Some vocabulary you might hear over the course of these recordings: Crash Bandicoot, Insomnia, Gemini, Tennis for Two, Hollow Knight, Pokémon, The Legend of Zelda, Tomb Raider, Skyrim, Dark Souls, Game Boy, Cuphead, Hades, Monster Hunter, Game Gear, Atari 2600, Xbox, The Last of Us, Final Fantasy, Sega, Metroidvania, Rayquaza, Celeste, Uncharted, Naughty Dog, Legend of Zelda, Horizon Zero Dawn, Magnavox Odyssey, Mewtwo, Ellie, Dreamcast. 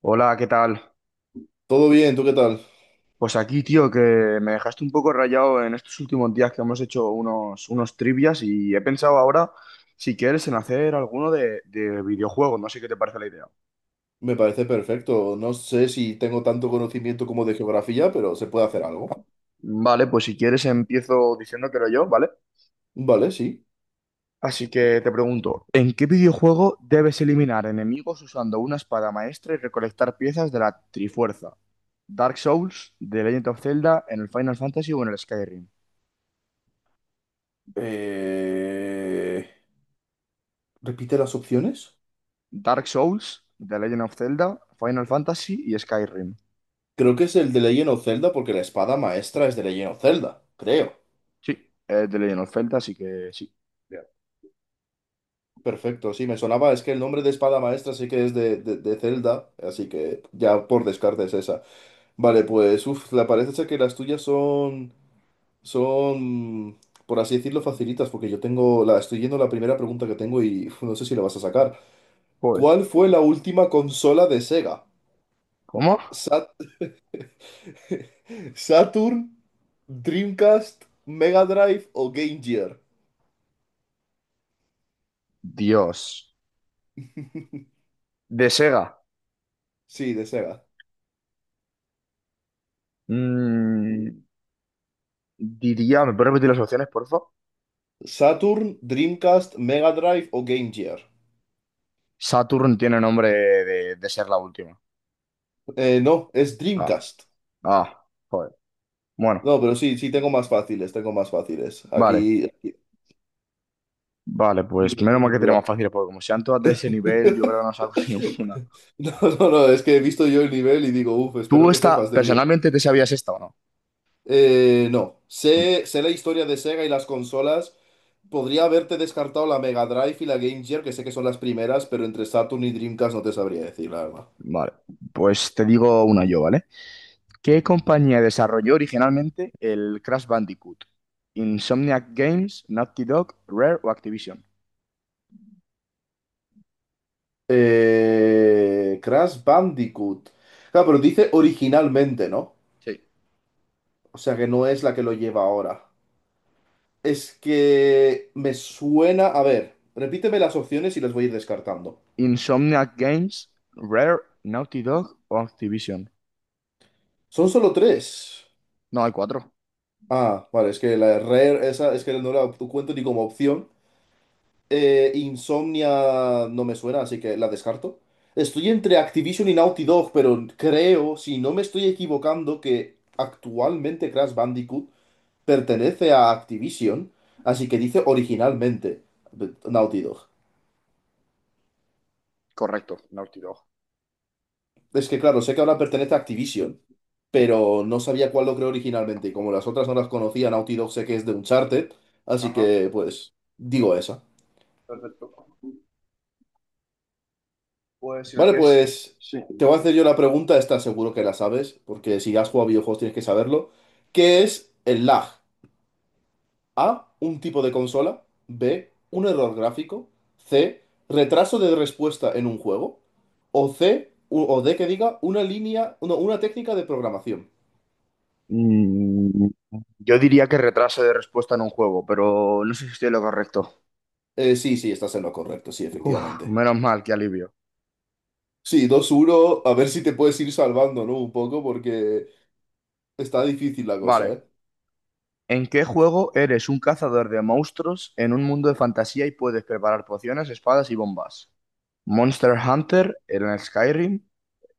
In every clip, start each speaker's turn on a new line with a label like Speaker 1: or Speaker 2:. Speaker 1: Hola, ¿qué tal?
Speaker 2: Todo bien, ¿tú qué tal?
Speaker 1: Pues aquí, tío, que me dejaste un poco rayado en estos últimos días que hemos hecho unos trivias y he pensado ahora, si quieres, en hacer alguno de videojuegos. No sé qué te parece la idea.
Speaker 2: Me parece perfecto. No sé si tengo tanto conocimiento como de geografía, pero se puede hacer algo.
Speaker 1: Vale, pues si quieres empiezo diciéndotelo yo, ¿vale?
Speaker 2: Vale, sí.
Speaker 1: Así que te pregunto, ¿en qué videojuego debes eliminar enemigos usando una espada maestra y recolectar piezas de la Trifuerza? ¿Dark Souls, The Legend of Zelda, en el Final Fantasy o en el Skyrim?
Speaker 2: Eh, ¿Repite las opciones?
Speaker 1: Dark Souls, The Legend of Zelda, Final Fantasy y Skyrim.
Speaker 2: Creo que es el de Legend of Zelda porque la espada maestra es de Legend of Zelda, creo.
Speaker 1: Sí, es The Legend of Zelda, así que sí. Ya.
Speaker 2: Perfecto, sí, me sonaba, es que el nombre de espada maestra sí que es de Zelda, así que ya por descarte es esa. Vale, pues, uff, la parece ser que las tuyas son, por así decirlo, facilitas, porque yo tengo, estoy yendo a la primera pregunta que tengo y uf, no sé si la vas a sacar.
Speaker 1: Joder.
Speaker 2: ¿Cuál fue la última consola de Sega?
Speaker 1: ¿Cómo?
Speaker 2: Sat- ¿Saturn, Dreamcast, Mega Drive o Game Gear?
Speaker 1: Dios. De Sega.
Speaker 2: Sí, de Sega.
Speaker 1: mm, diría, ¿me puedes repetir las opciones, por favor?
Speaker 2: ¿Saturn, Dreamcast, Mega Drive o Game Gear?
Speaker 1: Saturn tiene nombre de ser la última.
Speaker 2: No, es
Speaker 1: Ah,
Speaker 2: Dreamcast.
Speaker 1: ah, joder. Bueno,
Speaker 2: No, pero sí, sí, tengo más fáciles, tengo más fáciles.
Speaker 1: vale. Vale, pues
Speaker 2: Dime,
Speaker 1: menos mal
Speaker 2: dime
Speaker 1: que
Speaker 2: tú.
Speaker 1: tenemos fácil, porque como sean todas de ese nivel, yo creo que no saco ninguna.
Speaker 2: No, no, no, es que he visto yo el nivel y digo, uff, espero
Speaker 1: ¿Tú
Speaker 2: que sepas
Speaker 1: esta,
Speaker 2: de videojuegos.
Speaker 1: personalmente te sabías esta o no?
Speaker 2: No, sé la historia de Sega y las consolas. Podría haberte descartado la Mega Drive y la Game Gear, que sé que son las primeras, pero entre Saturn y Dreamcast no te sabría decir, la verdad.
Speaker 1: Vale, pues te digo una yo, ¿vale? ¿Qué compañía desarrolló originalmente el Crash Bandicoot? Insomniac Games, Naughty Dog, Rare o Activision.
Speaker 2: Crash Bandicoot. Claro, pero dice originalmente, ¿no?
Speaker 1: Sí.
Speaker 2: O sea que no es la que lo lleva ahora. Es que me suena. A ver, repíteme las opciones y las voy a ir descartando.
Speaker 1: Insomniac Games, Rare, Naughty Dog o Activision.
Speaker 2: Son solo tres.
Speaker 1: No, hay cuatro.
Speaker 2: Ah, vale, es que la Rare, esa es que no la cuento ni como opción. Insomnia no me suena, así que la descarto. Estoy entre Activision y Naughty Dog, pero creo, si no me estoy equivocando, que actualmente Crash Bandicoot pertenece a Activision, así que dice originalmente Naughty Dog.
Speaker 1: Correcto, Naughty Dog.
Speaker 2: Es que claro, sé que ahora pertenece a Activision, pero no sabía cuál lo creó originalmente, y como las otras no las conocía, Naughty Dog sé que es de Uncharted, así
Speaker 1: Ajá,
Speaker 2: que pues digo esa.
Speaker 1: perfecto. Pues si me
Speaker 2: Vale,
Speaker 1: quieres.
Speaker 2: pues
Speaker 1: Sí.
Speaker 2: te voy a hacer yo la pregunta, esta seguro que la sabes, porque si has jugado a videojuegos tienes que saberlo. ¿Qué es el lag? A, un tipo de consola. B, un error gráfico. C, retraso de respuesta en un juego. O C, o D que diga una línea, no, una técnica de programación.
Speaker 1: Mm, yo diría que retraso de respuesta en un juego, pero no sé si estoy en lo correcto.
Speaker 2: Sí, sí, estás en lo correcto, sí,
Speaker 1: Uf,
Speaker 2: efectivamente.
Speaker 1: menos mal, qué alivio.
Speaker 2: Sí, 2-1, a ver si te puedes ir salvando, ¿no? Un poco, porque está difícil la cosa,
Speaker 1: Vale,
Speaker 2: ¿eh?
Speaker 1: ¿en qué juego eres un cazador de monstruos en un mundo de fantasía y puedes preparar pociones, espadas y bombas? Monster Hunter, en el Skyrim,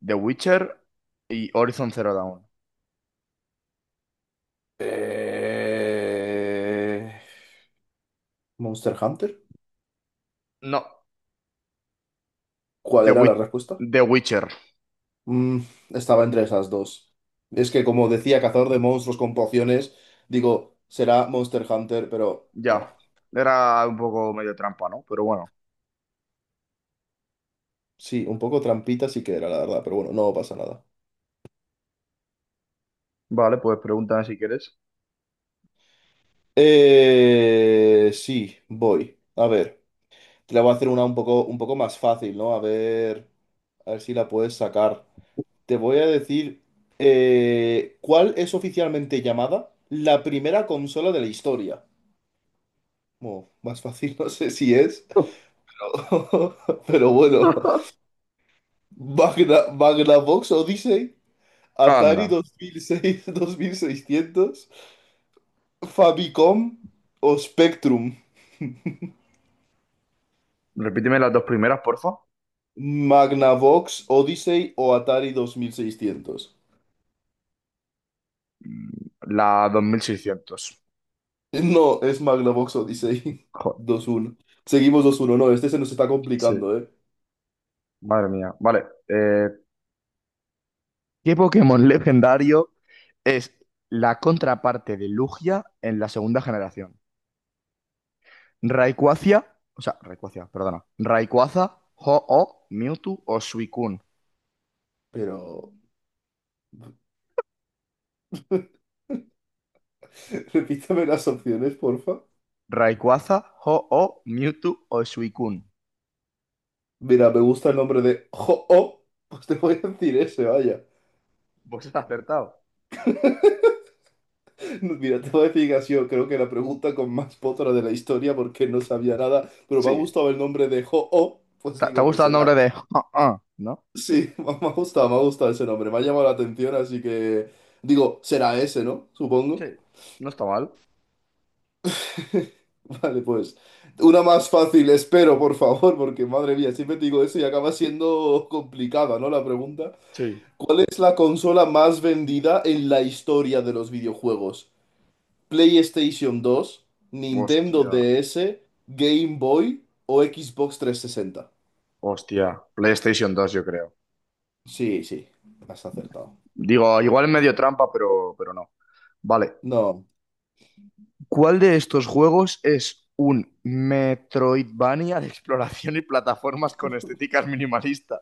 Speaker 1: The Witcher y Horizon Zero Dawn.
Speaker 2: Eh, Monster Hunter.
Speaker 1: No,
Speaker 2: ¿Cuál
Speaker 1: The
Speaker 2: era la
Speaker 1: Wit-
Speaker 2: respuesta?
Speaker 1: The Witcher,
Speaker 2: Mm, estaba entre esas dos. Es que como decía, cazador de monstruos con pociones, digo, será Monster Hunter, pero no.
Speaker 1: ya. Era un poco medio trampa, ¿no? Pero bueno.
Speaker 2: Sí, un poco trampita sí que era, la verdad, pero bueno, no pasa nada.
Speaker 1: Vale, pues pregúntame si quieres.
Speaker 2: Sí, voy. A ver, te la voy a hacer una un poco más fácil, ¿no? A ver si la puedes sacar. Te voy a decir, ¿cuál es oficialmente llamada la primera consola de la historia? Bueno, más fácil no sé si es. Pero bueno, Magnavox Odyssey, Atari
Speaker 1: Anda.
Speaker 2: 2006, 2600, Famicom o Spectrum.
Speaker 1: Repíteme las dos primeras, porfa.
Speaker 2: Magnavox Odyssey o Atari 2600.
Speaker 1: Mm, la 2600.
Speaker 2: No, es Magnavox Odyssey
Speaker 1: Joder,
Speaker 2: 2-1. Seguimos 2-1. No, este se nos está
Speaker 1: sí.
Speaker 2: complicando, ¿eh?
Speaker 1: Madre mía. Vale. ¿Qué Pokémon legendario es la contraparte de Lugia en la segunda generación? Rayquaza, o sea, Rayquaza, perdona. Rayquaza, Ho-Oh, Mewtwo o Suicune.
Speaker 2: Pero. Repítame las opciones, porfa.
Speaker 1: Rayquaza, Ho-Oh, Mewtwo o Suicune.
Speaker 2: Mira, me gusta el nombre de Ho-Oh. Pues te voy a decir ese, vaya.
Speaker 1: Pues has acertado.
Speaker 2: Mira, te voy a decir que creo que la pregunta con más potra de la historia porque no sabía nada, pero me ha
Speaker 1: Sí.
Speaker 2: gustado el nombre de Ho-Oh, pues
Speaker 1: ¿Te ha
Speaker 2: digo, pues
Speaker 1: gustado el
Speaker 2: será.
Speaker 1: nombre de Ho-Oh, no?
Speaker 2: Sí, me ha gustado, me ha gustado ese nombre, me ha llamado la atención, así que digo, será ese, ¿no?
Speaker 1: Sí,
Speaker 2: Supongo.
Speaker 1: no está mal.
Speaker 2: Vale, pues una más fácil, espero, por favor, porque madre mía, siempre te digo eso y acaba siendo complicada, ¿no? La pregunta.
Speaker 1: Sí.
Speaker 2: ¿Cuál es la consola más vendida en la historia de los videojuegos? PlayStation 2, Nintendo
Speaker 1: Hostia,
Speaker 2: DS, Game Boy o Xbox 360.
Speaker 1: hostia. PlayStation 2, yo creo.
Speaker 2: Sí, sí, has acertado.
Speaker 1: Digo, igual es medio trampa, pero no. Vale.
Speaker 2: No,
Speaker 1: ¿Cuál de estos juegos es un Metroidvania de exploración y plataformas con estéticas minimalista?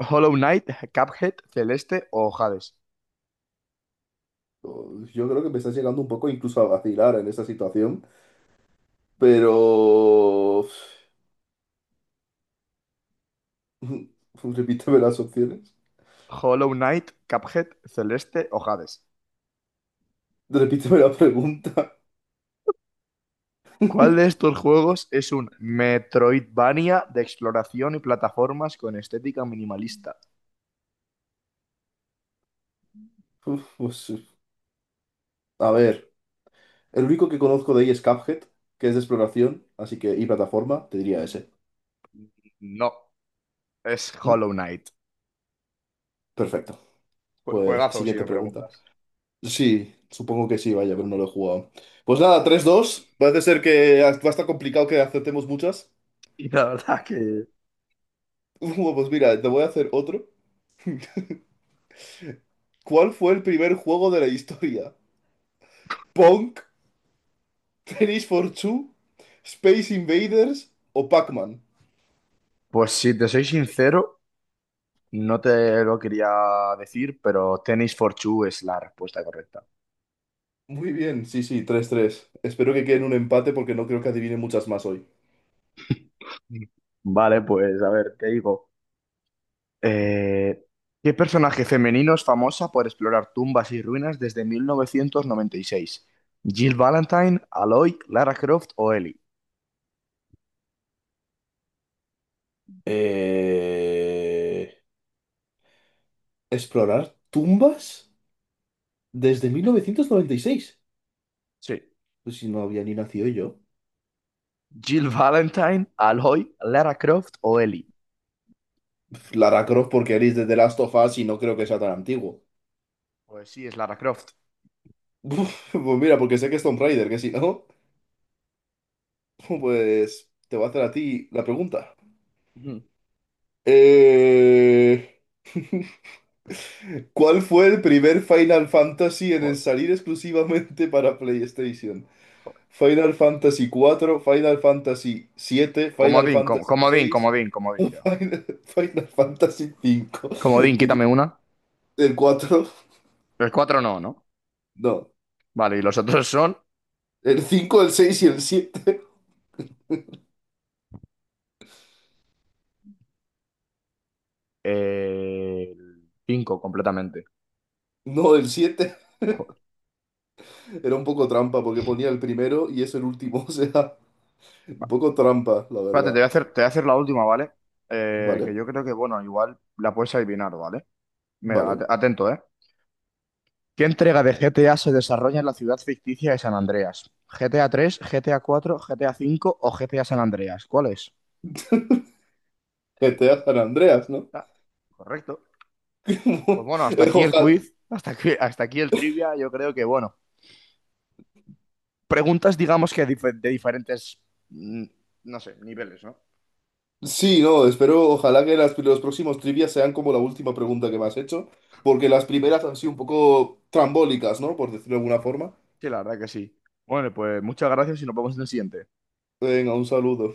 Speaker 1: Hollow Knight, Cuphead, Celeste o Hades.
Speaker 2: yo creo que me estás llegando un poco incluso a vacilar en esta situación, pero. Repíteme las opciones.
Speaker 1: Hollow Knight, Cuphead, Celeste o Hades.
Speaker 2: Repíteme la pregunta.
Speaker 1: ¿Cuál de estos juegos es un Metroidvania de exploración y plataformas con estética minimalista?
Speaker 2: Uf, pues, a ver, el único que conozco de ahí es Cuphead, que es de exploración, así que y plataforma, te diría ese.
Speaker 1: No, es
Speaker 2: Mm.
Speaker 1: Hollow Knight.
Speaker 2: Perfecto. Pues
Speaker 1: Juegazo, si
Speaker 2: siguiente
Speaker 1: me
Speaker 2: pregunta.
Speaker 1: preguntas.
Speaker 2: Sí, supongo que sí, vaya, pero no lo he jugado. Pues nada, 3-2. Parece ser que va a estar complicado que acertemos muchas.
Speaker 1: Y la verdad que...
Speaker 2: Bueno, pues mira, te voy a hacer otro. ¿Cuál fue el primer juego de la historia? ¿Punk? ¿Tennis for Two? ¿Space Invaders? ¿O Pac-Man?
Speaker 1: Pues si te soy sincero, no te lo quería decir, pero Tenis for Two es la respuesta correcta.
Speaker 2: Muy bien, sí, sí, 3-3. Espero que quede en un empate porque no creo que adivine muchas más hoy.
Speaker 1: Mm. Vale, pues a ver, te digo. Eh, ¿Qué personaje femenino es famosa por explorar tumbas y ruinas desde 1996? ¿Jill Valentine, Aloy, Lara Croft o Ellie?
Speaker 2: Eh... ¿Explorar tumbas? Desde 1996.
Speaker 1: Sí.
Speaker 2: Pues si no había ni nacido yo.
Speaker 1: ¿Jill Valentine, Aloy, Lara Croft o Ellie?
Speaker 2: Lara Croft porque eres de The Last of Us y no creo que sea tan antiguo.
Speaker 1: Pues sí, es Lara Croft.
Speaker 2: Pues mira, porque sé que es Tomb Raider, que si no, pues te voy a hacer a ti la pregunta.
Speaker 1: Ujú.
Speaker 2: Eh, ¿cuál fue el primer Final Fantasy en
Speaker 1: Joder,
Speaker 2: salir exclusivamente para PlayStation?
Speaker 1: joder.
Speaker 2: Final Fantasy cuatro, Final Fantasy siete, Final
Speaker 1: Comodín,
Speaker 2: Fantasy
Speaker 1: comodín,
Speaker 2: 6,
Speaker 1: comodín, comodín yo.
Speaker 2: Final Fantasy 5.
Speaker 1: Comodín, quítame una.
Speaker 2: El 4
Speaker 1: Los cuatro no, ¿no?
Speaker 2: no.
Speaker 1: Vale, y los otros son.
Speaker 2: El 5, el 6 y el 7.
Speaker 1: El 5 completamente.
Speaker 2: No, el 7.
Speaker 1: Joder.
Speaker 2: Era un poco trampa porque ponía el primero y es el último, o sea, un
Speaker 1: Va.
Speaker 2: poco trampa, la
Speaker 1: Espérate,
Speaker 2: verdad.
Speaker 1: te voy a hacer la última, ¿vale? Que
Speaker 2: Vale,
Speaker 1: yo creo que, bueno, igual la puedes adivinar, ¿vale? Mira,
Speaker 2: vale.
Speaker 1: atento, ¿eh? ¿Qué entrega de GTA se desarrolla en la ciudad ficticia de San Andreas? ¿GTA 3, GTA 4, GTA 5 o GTA San Andreas? ¿Cuál es?
Speaker 2: GTA San Andreas, ¿no?
Speaker 1: Ah, correcto. Pues bueno, hasta aquí el
Speaker 2: Ojalá.
Speaker 1: quiz, hasta aquí el trivia, yo creo que, bueno, preguntas digamos que de diferentes, mm, no sé, niveles, ¿no?
Speaker 2: Sí, no, espero, ojalá que los próximos trivias sean como la última pregunta que me has hecho, porque las primeras han sido un poco trambólicas, ¿no? Por decirlo de alguna forma.
Speaker 1: Sí, la verdad que sí. Bueno, pues muchas gracias y nos vemos en el siguiente.
Speaker 2: Venga, un saludo.